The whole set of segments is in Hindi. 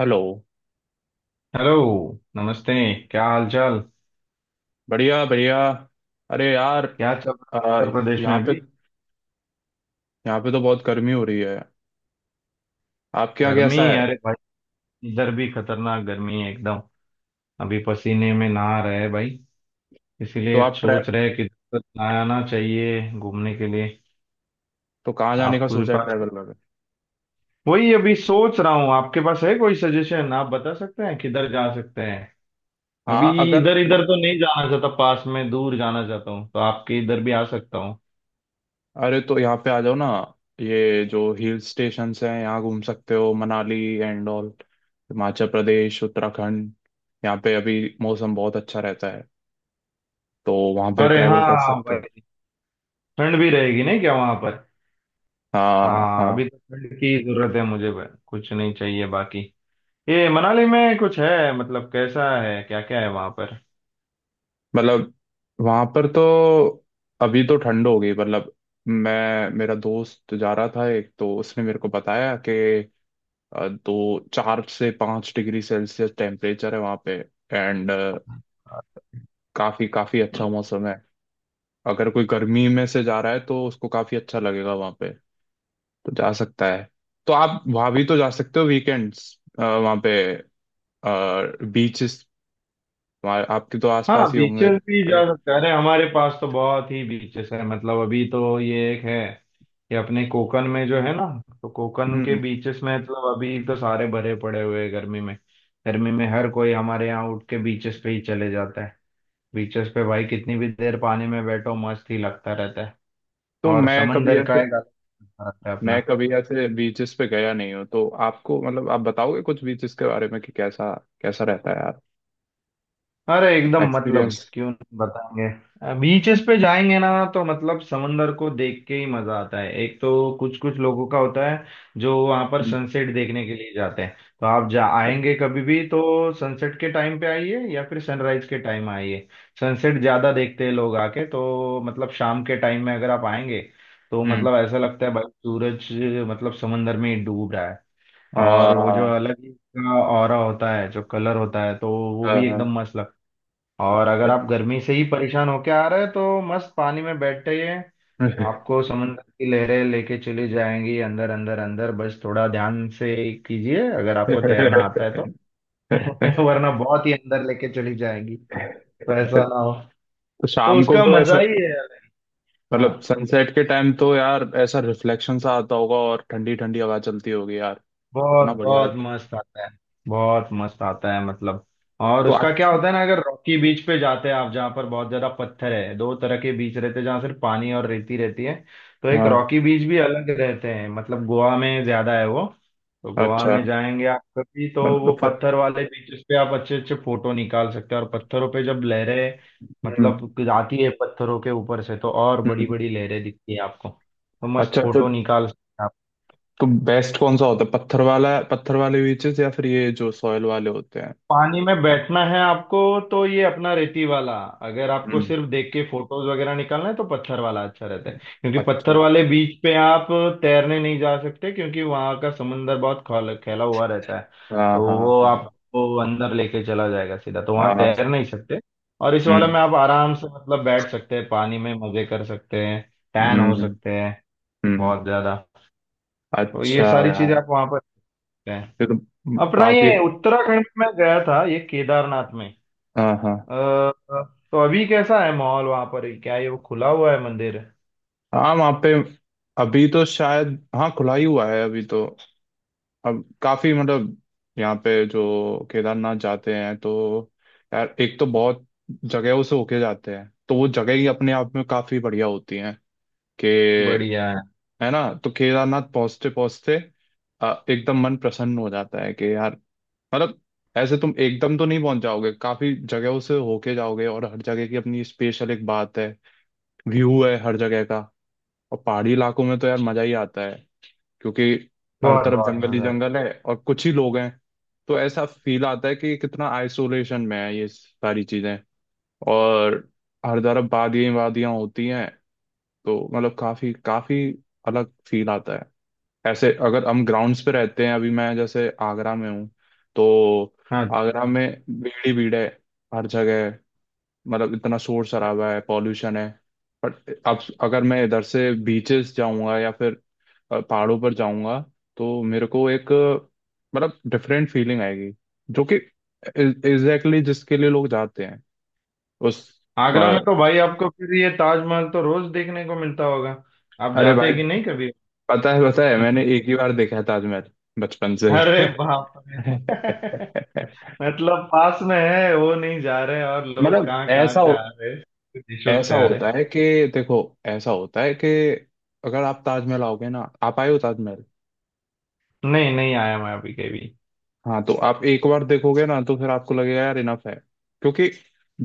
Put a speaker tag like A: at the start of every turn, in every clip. A: हेलो।
B: हेलो। नमस्ते। क्या हाल चाल।
A: बढ़िया बढ़िया। अरे यार,
B: क्या चल रहा
A: अ,
B: है उत्तर प्रदेश में
A: यहाँ पे
B: अभी?
A: यहाँ पे तो बहुत गर्मी हो रही है। आपके यहाँ
B: गर्मी?
A: कैसा है?
B: अरे भाई, इधर भी खतरनाक गर्मी है एकदम। अभी पसीने में नहा रहे हैं भाई।
A: तो
B: इसीलिए
A: आप ट्रै
B: सोच रहे हैं कि किधर आना चाहिए घूमने के लिए।
A: तो कहाँ जाने का
B: आपके
A: सोचा है
B: पास है?
A: ट्रैवल में?
B: वही अभी सोच रहा हूँ, आपके पास है कोई सजेशन? आप बता सकते हैं किधर जा सकते हैं अभी।
A: हाँ अगर,
B: इधर इधर तो नहीं जाना चाहता पास में, दूर जाना चाहता हूँ तो आपके इधर भी आ सकता हूँ।
A: अरे तो यहाँ पे आ जाओ ना। ये जो हिल स्टेशंस हैं, यहाँ घूम सकते हो, मनाली एंड ऑल, हिमाचल प्रदेश, उत्तराखंड। यहाँ पे अभी मौसम बहुत अच्छा रहता है, तो वहाँ पे
B: अरे
A: ट्रैवल कर
B: हाँ
A: सकते हो।
B: भाई। ठंड भी रहेगी नहीं क्या वहां पर?
A: हाँ
B: हाँ,
A: हाँ।
B: अभी तो फंड की जरूरत है मुझे, कुछ नहीं चाहिए बाकी। ये मनाली में कुछ है मतलब, कैसा है, क्या क्या है वहां पर?
A: मतलब, वहां पर तो अभी तो ठंड हो गई मतलब। मैं, मेरा दोस्त जा रहा था एक, तो उसने मेरे को बताया कि दो, चार से पाँच डिग्री सेल्सियस टेम्परेचर है वहां पे। एंड काफी काफी अच्छा मौसम है। अगर कोई गर्मी में से जा रहा है तो उसको काफी अच्छा लगेगा वहां पे, तो जा सकता है। तो आप वहां भी तो जा सकते हो वीकेंड्स। वहां पे बीचेस आपके तो
B: हाँ,
A: आसपास ही होंगे।
B: बीचेस भी जा
A: अगर-
B: सकते हैं। अरे हमारे पास तो बहुत ही बीचेस है मतलब, अभी तो ये एक है। ये अपने कोकन में जो है ना, तो कोकन के
A: हम्म।
B: बीचेस में मतलब, अभी तो सारे भरे पड़े हुए हैं गर्मी में। गर्मी में हर कोई हमारे यहाँ उठ के बीचेस पे ही चले जाता है। बीचेस पे भाई कितनी भी देर पानी में बैठो मस्त ही लगता रहता है।
A: तो
B: और
A: मैं कभी
B: समंदर
A: ऐसे
B: का एक अलग मजा आता है
A: मैं
B: अपना।
A: कभी ऐसे बीचेस पे गया नहीं हूँ, तो आपको मतलब आप बताओगे कुछ बीचेस के बारे में कि कैसा, कैसा रहता है यार?
B: अरे एकदम, मतलब
A: एक्सपीरियंस।
B: क्यों नहीं बताएंगे। बीचेस पे जाएंगे ना तो मतलब, समंदर को देख के ही मजा आता है एक तो। कुछ कुछ लोगों का होता है जो वहां पर
A: हम्म।
B: सनसेट देखने के लिए जाते हैं, तो आप जा आएंगे कभी भी तो सनसेट के टाइम पे आइए या फिर सनराइज के टाइम आइए। सनसेट ज्यादा देखते हैं लोग आके, तो मतलब शाम के टाइम में अगर आप आएंगे तो
A: हम्म,
B: मतलब ऐसा लगता है भाई सूरज मतलब समंदर में ही डूब रहा है। और वो जो
A: हाँ
B: अलग ही का ऑरा होता है, जो कलर होता है, तो वो
A: हाँ
B: भी एकदम
A: हाँ,
B: मस्त लगता है। और अगर आप
A: अच्छा।
B: गर्मी से ही परेशान होके आ रहे हैं तो मस्त पानी में बैठिए। आपको समुद्र की लहरें लेके चली जाएंगी अंदर अंदर अंदर, बस थोड़ा ध्यान से कीजिए अगर आपको तैरना आता है तो। वरना बहुत ही अंदर लेके चली जाएंगी, तो ऐसा ना हो।
A: तो
B: तो
A: शाम को
B: उसका
A: तो ऐसा,
B: मजा ही है।
A: मतलब
B: हाँ,
A: सनसेट के टाइम, तो यार ऐसा रिफ्लेक्शन सा आता होगा और ठंडी ठंडी हवा चलती होगी यार।
B: बहुत
A: इतना बढ़िया
B: बहुत
A: लगता है।
B: मस्त आता है। बहुत मस्त आता है मतलब। और
A: तो
B: उसका
A: आप,
B: क्या होता है ना, अगर रॉकी बीच पे जाते हैं आप जहाँ पर बहुत ज्यादा पत्थर है। दो तरह के बीच रहते हैं जहाँ सिर्फ पानी और रेती रहती है, तो एक
A: हाँ,
B: रॉकी बीच भी अलग रहते हैं मतलब। गोवा में ज्यादा है वो, तो गोवा
A: अच्छा
B: में जाएंगे आप कभी तो वो
A: मतलब फर
B: पत्थर वाले बीचेस पे आप अच्छे अच्छे फोटो निकाल सकते हैं। और पत्थरों पे जब लहरें
A: हम्म।
B: मतलब जाती है पत्थरों के ऊपर से तो और बड़ी
A: हम्म,
B: बड़ी लहरें दिखती है आपको, तो मस्त
A: अच्छा
B: फोटो निकाल सकते हैं।
A: तो बेस्ट कौन सा होता है? पत्थर वाला, पत्थर वाले बीचेस या फिर ये जो सॉयल वाले होते हैं?
B: पानी में बैठना है आपको तो ये अपना रेती वाला। अगर आपको
A: हम्म,
B: सिर्फ देख के फोटोज वगैरह निकालना है तो पत्थर वाला अच्छा रहता है, क्योंकि पत्थर
A: अच्छा।
B: वाले बीच पे आप तैरने नहीं जा सकते, क्योंकि वहां का समुंदर बहुत फैला हुआ रहता है।
A: हाँ
B: तो
A: हाँ
B: वो
A: हाँ
B: आपको अंदर लेके चला जाएगा सीधा, तो वहां
A: हाँ।
B: तैर नहीं सकते। और इस वाले
A: हम्म
B: में आप आराम से मतलब बैठ सकते हैं, पानी में मजे कर सकते हैं, टैन हो
A: हम्म
B: सकते हैं
A: हम्म।
B: बहुत ज्यादा। तो ये
A: अच्छा
B: सारी चीजें
A: यार,
B: आप वहां पर सकते हैं।
A: ये तो
B: अपना
A: काफी,
B: ये उत्तराखंड में गया था, ये केदारनाथ में। अ,
A: हाँ हाँ
B: तो अभी कैसा है माहौल वहां पर, क्या ये वो खुला हुआ है मंदिर?
A: हाँ। वहाँ पे अभी तो शायद, हाँ, खुला ही हुआ है अभी तो। अब काफी मतलब, यहाँ पे जो केदारनाथ जाते हैं तो, यार, एक तो बहुत जगहों से होके जाते हैं, तो वो जगह ही अपने आप में काफी बढ़िया होती हैं कि,
B: बढ़िया है।
A: है ना? तो केदारनाथ पहुंचते पहुंचते एकदम मन प्रसन्न हो जाता है कि यार, मतलब, ऐसे तुम एकदम तो नहीं पहुंच जाओगे, काफी जगहों से होके जाओगे और हर जगह की अपनी स्पेशल एक बात है, व्यू है हर जगह का। और पहाड़ी इलाकों में तो यार मजा ही आता है, क्योंकि हर
B: बहुत
A: तरफ
B: बहुत
A: जंगल ही
B: मजा।
A: जंगल है और कुछ ही लोग हैं। तो ऐसा फील आता है कि कितना आइसोलेशन में है ये सारी चीजें। और हर तरफ वादियां वादियां होती हैं, तो मतलब काफी काफी अलग फील आता है। ऐसे अगर हम ग्राउंड्स पे रहते हैं, अभी मैं जैसे आगरा में हूँ, तो
B: हाँ,
A: आगरा में भीड़ ही भीड़ है हर जगह है। मतलब इतना शोर शराबा है, पॉल्यूशन है। बट अब अगर मैं इधर से बीचेस जाऊंगा या फिर पहाड़ों पर जाऊंगा, तो मेरे को एक, मतलब डिफरेंट फीलिंग आएगी, जो कि एग्जैक्टली exactly जिसके लिए लोग जाते हैं उस,
B: आगरा
A: अ,
B: में तो भाई आपको फिर ये ताजमहल तो रोज देखने को मिलता होगा। आप
A: अरे भाई,
B: जाते कि नहीं कभी?
A: पता है पता है, मैंने एक ही बार देखा है ताजमहल, बचपन से।
B: अरे बाप रे। मतलब पास में है वो नहीं जा रहे, और लोग
A: मतलब
B: कहाँ कहाँ से आ रहे हैं, देशों से
A: ऐसा
B: आ रहे
A: होता
B: हैं।
A: है कि, देखो, ऐसा होता है कि अगर आप ताजमहल आओगे ना, आप आए हो ताजमहल?
B: नहीं, नहीं आया मैं अभी कभी।
A: हाँ, तो आप एक बार देखोगे ना तो फिर आपको लगेगा यार इनफ है, क्योंकि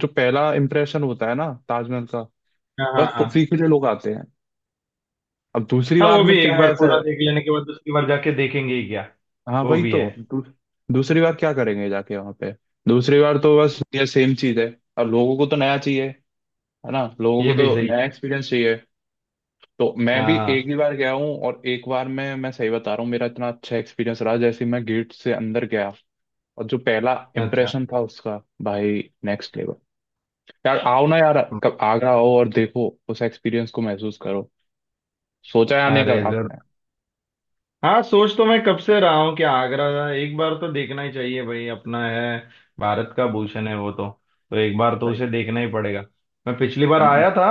A: जो पहला इंप्रेशन होता है ना ताजमहल का,
B: हाँ हाँ
A: बस उसी
B: हाँ।
A: के लिए लोग आते हैं। अब दूसरी
B: हाँ,
A: बार
B: वो भी
A: में क्या
B: एक बार
A: है, ऐसा
B: पूरा
A: है?
B: देख लेने के बाद दूसरी बार जाके देखेंगे ही क्या।
A: हाँ
B: वो
A: वही
B: भी
A: तो,
B: है।
A: दू, दूसरी बार क्या करेंगे जाके वहां पे? दूसरी बार तो बस ये सेम चीज है। अब लोगों को तो नया चाहिए, है ना? लोगों
B: ये
A: को
B: भी
A: तो
B: सही।
A: नया एक्सपीरियंस चाहिए। तो मैं भी एक
B: हाँ
A: ही बार गया हूँ और एक बार में मैं सही बता रहा हूँ, मेरा इतना अच्छा एक्सपीरियंस रहा जैसे ही मैं गेट से अंदर गया, और जो पहला
B: हाँ, अच्छा।
A: इम्प्रेशन था उसका, भाई, नेक्स्ट लेवल। यार आओ ना यार, कब आगरा आओ और देखो, उस एक्सपीरियंस को महसूस करो। सोचा है आने का
B: अरे जर
A: आपने?
B: हाँ, सोच तो मैं कब से रहा हूँ कि आगरा एक बार तो देखना ही चाहिए भाई, अपना है, भारत का भूषण है वो तो। तो एक बार तो
A: सही।
B: उसे देखना ही पड़ेगा। मैं पिछली बार आया
A: हम्म
B: था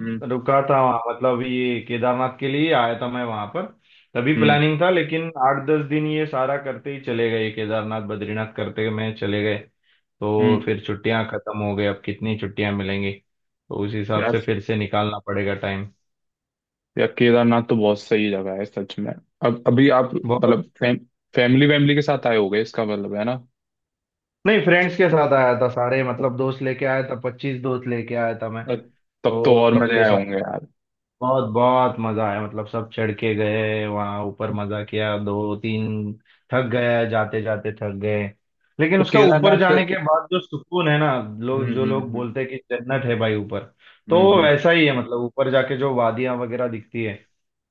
A: हम्म
B: रुका था वहाँ, मतलब ये केदारनाथ के लिए आया था मैं वहाँ पर। तभी
A: हम्म
B: प्लानिंग था, लेकिन 8-10 दिन ये सारा करते ही चले गए, केदारनाथ बद्रीनाथ करते में चले गए। तो
A: हम्म।
B: फिर छुट्टियां खत्म हो गई। अब कितनी छुट्टियां मिलेंगी, तो उस हिसाब से
A: यार,
B: फिर से निकालना पड़ेगा टाइम।
A: यार केदारनाथ तो बहुत सही जगह है सच में। अब अभी आप
B: बहुत।
A: मतलब फैमिली वैमिली के साथ आए होगे, इसका मतलब है ना?
B: नहीं, फ्रेंड्स के साथ आया था, सारे मतलब दोस्त लेके आया था, 25 दोस्त लेके आया था मैं।
A: तब तब तो
B: तो
A: और मजे
B: सबके
A: आए
B: साथ
A: होंगे यार।
B: बहुत बहुत मजा आया, मतलब सब चढ़ के गए वहां ऊपर, मजा किया। दो तीन थक गए, जाते जाते थक गए। लेकिन
A: तो
B: उसका ऊपर
A: केदारनाथ पे
B: जाने के बाद जो सुकून है ना, लोग
A: हम्म
B: जो
A: हम्म
B: लोग
A: हम्म
B: बोलते हैं कि जन्नत है भाई ऊपर, तो
A: हम्म हम्म।
B: वैसा ही है। मतलब ऊपर जाके जो वादियां वगैरह दिखती है,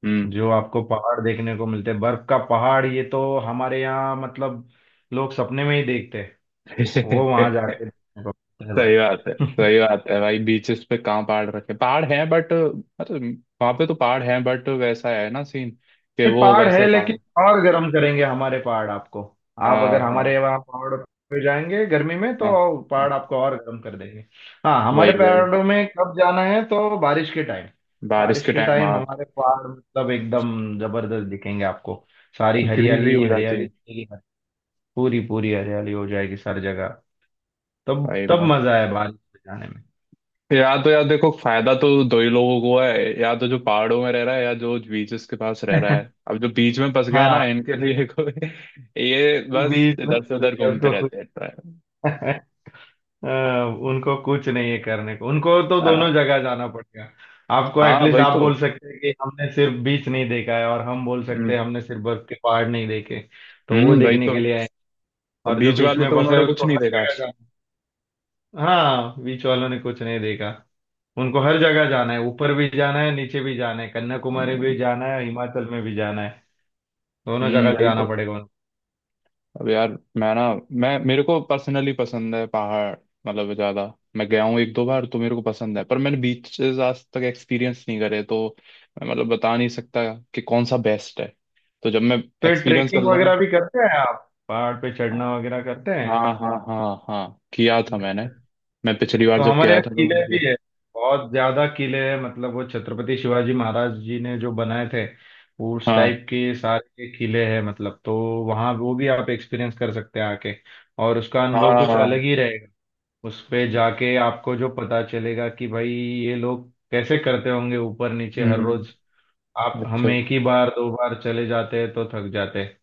A: हम्म।
B: जो आपको पहाड़ देखने को मिलते हैं, बर्फ का पहाड़, ये तो हमारे यहाँ मतलब लोग सपने में ही देखते हैं। वो वहां जाके देखने को मिलता है
A: सही बात है,
B: भाई।
A: सही बात है भाई। बीचेस पे कहाँ पहाड़, रखे पहाड़ हैं बट, मतलब वहां पे तो पहाड़ हैं बट वैसा है ना सीन, कि
B: ये
A: वो
B: पहाड़
A: वैसे
B: है,
A: पहाड़,
B: लेकिन और गर्म करेंगे हमारे पहाड़ आपको। आप
A: हाँ
B: अगर
A: हाँ
B: हमारे वहाँ पहाड़ पे जाएंगे गर्मी में तो
A: हाँ
B: पहाड़
A: हाँ,
B: आपको और गर्म कर देंगे। हाँ, हमारे
A: वही वही,
B: पहाड़ों में कब जाना है तो बारिश के टाइम।
A: बारिश
B: बारिश
A: के
B: के
A: टाइम
B: टाइम
A: आग,
B: हमारे पहाड़ मतलब एकदम जबरदस्त दिखेंगे आपको। सारी हरियाली
A: ग्रीनरी
B: ही
A: हो जाती
B: हरियाली
A: है
B: दिखेगी, पूरी पूरी हरियाली हो जाएगी सारी जगह। तब
A: भाई
B: तब
A: मस्त।
B: मजा है बारिश में जाने में।
A: या तो, यार, देखो फायदा तो दो ही लोगों को है, या तो जो पहाड़ों में रह रहा है या जो बीचेस के पास रह रहा है। अब जो बीच में फंस गए
B: हाँ।
A: ना, इनके लिए कोई, ये बस
B: बीच में
A: इधर से उधर
B: सूर्य
A: घूमते
B: को खुद।
A: रहते हैं।
B: अ, उनको कुछ नहीं है करने को, उनको तो दोनों
A: आ,
B: जगह जाना पड़ेगा। आपको
A: हाँ
B: एटलीस्ट
A: वही
B: आप
A: तो,
B: बोल सकते हैं कि हमने सिर्फ बीच नहीं देखा है, और हम बोल सकते
A: हम्म
B: हैं हमने सिर्फ बर्फ के पहाड़ नहीं देखे, तो वो
A: वही
B: देखने
A: तो।
B: के लिए आए हैं।
A: और
B: और जो
A: बीच
B: बीच
A: वाले
B: में
A: तो
B: फंसा है
A: उन्होंने कुछ
B: उसको
A: नहीं
B: हर
A: देखा।
B: जगह जाना है। हाँ, बीच वालों ने कुछ नहीं देखा। उनको हर जगह जाना है, ऊपर भी जाना है, नीचे भी जाना है, कन्याकुमारी भी
A: हम्म
B: जाना है, हिमाचल में भी जाना है। दोनों जगह
A: वही तो।
B: जाना पड़ेगा उनको।
A: अब यार, मैं ना मैं, मेरे को पर्सनली पसंद है पहाड़, मतलब ज्यादा। मैं गया हूँ एक दो बार, तो मेरे को पसंद है, पर मैंने बीचेस आज तक एक्सपीरियंस नहीं करे, तो मैं मतलब बता नहीं सकता कि कौन सा बेस्ट है। तो जब मैं
B: तो ये
A: एक्सपीरियंस कर
B: ट्रेकिंग
A: लूंगा,
B: वगैरह भी करते हैं आप, पहाड़ पे
A: हाँ
B: चढ़ना वगैरह करते
A: हाँ हाँ हाँ, हाँ किया था मैंने।
B: हैं?
A: मैं पिछली बार
B: तो
A: जब
B: हमारे
A: गया
B: यहाँ
A: था तो मैंने
B: किले भी
A: किया,
B: है, बहुत ज्यादा किले हैं मतलब, वो छत्रपति शिवाजी महाराज जी ने जो बनाए थे, उस
A: हाँ
B: टाइप के सारे किले हैं मतलब। तो वहाँ वो भी आप एक्सपीरियंस कर सकते हैं आके, और उसका
A: हाँ
B: अनुभव
A: हाँ,
B: कुछ अलग
A: हाँ।
B: ही रहेगा। उस पे जाके आपको जो पता चलेगा कि भाई ये लोग कैसे करते होंगे ऊपर नीचे हर रोज।
A: हम्म,
B: आप
A: अच्छा।
B: हम एक ही बार 2 बार चले जाते हैं तो थक जाते हैं,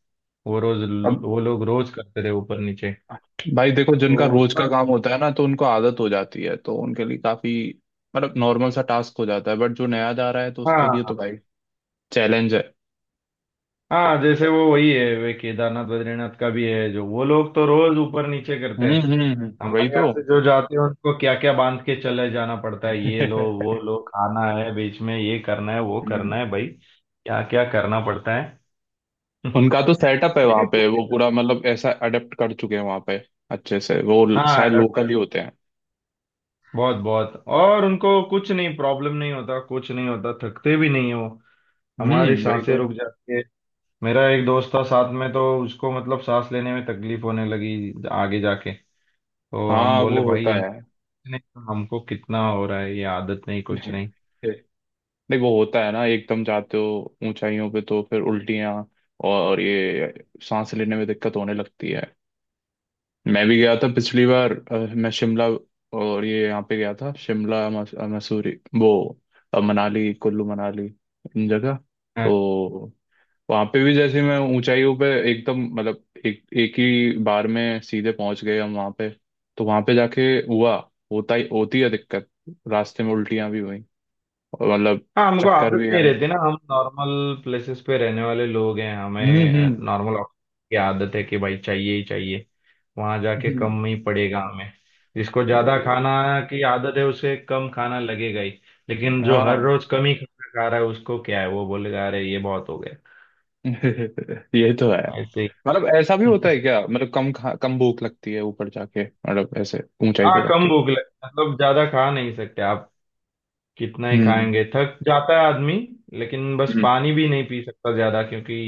B: वो रोज,
A: अब
B: वो लोग रोज करते थे ऊपर नीचे,
A: भाई देखो, जिनका
B: तो
A: रोज का
B: उसका।
A: काम होता है ना, तो उनको आदत हो जाती है, तो उनके लिए काफी मतलब नॉर्मल सा टास्क हो जाता है, बट जो नया जा रहा है तो उसके लिए तो
B: हाँ
A: भाई चैलेंज है।
B: हाँ, जैसे वो वही है, वे केदारनाथ बद्रीनाथ का भी है, जो वो लोग तो रोज ऊपर नीचे करते हैं।
A: वही
B: हमारे
A: तो।
B: यहाँ से जो जाते हैं उनको क्या क्या बांध के चले जाना पड़ता है, ये लो
A: हम्म।
B: वो लो, खाना है बीच में, ये करना है, वो करना है भाई, क्या क्या करना पड़ता है।
A: उनका तो सेटअप है वहां
B: लेकिन
A: पे,
B: घूमने
A: वो पूरा मतलब ऐसा अडेप्ट कर चुके हैं वहां पे अच्छे से, वो
B: हाँ,
A: शायद लोकल
B: अडोप्ट
A: ही होते हैं।
B: बहुत बहुत। और उनको कुछ नहीं, प्रॉब्लम नहीं होता, कुछ नहीं होता, थकते भी नहीं है वो। हमारी
A: वही
B: सांसें
A: तो,
B: रुक जाती है। मेरा एक दोस्त था साथ में तो उसको मतलब सांस लेने में तकलीफ होने लगी आगे जाके, तो हम
A: हाँ
B: बोले
A: वो
B: भाई
A: होता है।
B: इनसे, नहीं तो हमको कितना हो रहा है, ये आदत नहीं कुछ नहीं
A: नहीं वो होता है ना, एकदम जाते हो ऊंचाइयों पे तो फिर उल्टियाँ और ये सांस लेने में दिक्कत होने लगती है। मैं भी गया था पिछली बार, मैं शिमला और ये यहाँ पे गया था, शिमला मसूरी, वो, मनाली, कुल्लू मनाली, इन जगह।
B: है।
A: तो वहाँ पे भी जैसे मैं ऊंचाइयों पे एकदम मतलब एक, एक ही बार में सीधे पहुंच गए हम वहाँ पे, तो वहाँ पे जाके हुआ, होता ही, होती है दिक्कत। रास्ते में उल्टियाँ भी हुई और मतलब
B: हाँ, हमको
A: चक्कर
B: आदत
A: भी
B: नहीं
A: आए।
B: रहती ना, हम नॉर्मल प्लेसेस पे रहने वाले लोग हैं,
A: हम्म
B: हमें
A: हम्म
B: नॉर्मल की आदत है कि भाई चाहिए ही चाहिए। वहां जाके
A: हम्म।
B: कम ही पड़ेगा हमें। जिसको ज्यादा
A: वही वही,
B: खाना की आदत है उसे कम खाना लगेगा ही, लेकिन जो हर
A: हाँ।
B: रोज कम ही खाना खा रहा है उसको क्या है, वो बोलेगा अरे ये बहुत हो गया।
A: ये तो है।
B: ऐसे ही।
A: मतलब ऐसा भी होता है क्या, मतलब कम भूख लगती है ऊपर जाके मतलब ऐसे, ऊंचाई पे
B: हाँ, कम
A: जाके?
B: भूख लगे मतलब ज्यादा खा नहीं सकते आप, कितना ही
A: हम्म।
B: खाएंगे थक जाता है आदमी। लेकिन बस
A: हम्म,
B: पानी भी नहीं पी सकता ज्यादा, क्योंकि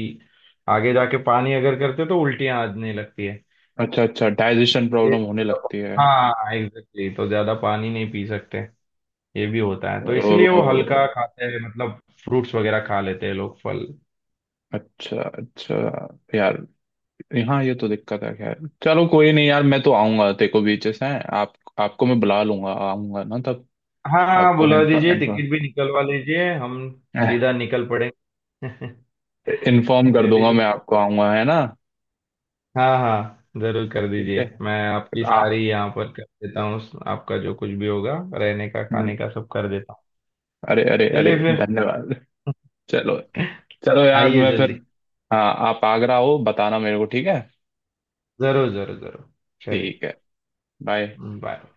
B: आगे जाके पानी अगर करते तो उल्टियां आने लगती है।
A: अच्छा अच्छा, डाइजेशन
B: ये
A: प्रॉब्लम होने
B: ज्यादा
A: लगती है।
B: हाँ एग्जैक्टली, तो ज्यादा पानी नहीं पी सकते। ये भी होता है, तो इसलिए वो
A: ओ,
B: हल्का खाते हैं, मतलब फ्रूट्स वगैरह खा लेते हैं लोग, फल।
A: अच्छा अच्छा। यार, यहाँ ये तो दिक्कत है, खैर चलो कोई नहीं यार, मैं तो आऊंगा तेरे को, बीचेस हैं आप, आपको मैं बुला लूंगा, आऊंगा ना तब।
B: हाँ हाँ,
A: आपको मैं
B: बुला
A: इन्फॉर्म
B: दीजिए,
A: इन्फॉर्म,
B: टिकट भी निकलवा लीजिए, हम सीधा निकल पड़ेंगे।
A: इन्फॉर्म कर दूंगा
B: चलिए।
A: मैं आपको, आऊंगा है ना।
B: हाँ हाँ, जरूर कर
A: ठीक
B: दीजिए,
A: है।
B: मैं आपकी
A: आ,
B: सारी यहाँ पर कर देता हूँ। आपका जो कुछ भी होगा, रहने का
A: हम्म,
B: खाने का सब कर देता हूँ।
A: अरे अरे अरे
B: चलिए फिर।
A: धन्यवाद। चलो। चलो यार
B: आइए
A: मैं फिर,
B: जल्दी।
A: हाँ, आप आगरा हो बताना मेरे को, ठीक है।
B: जरूर जरूर जरूर। चलिए,
A: ठीक है। बाय।
B: बाय।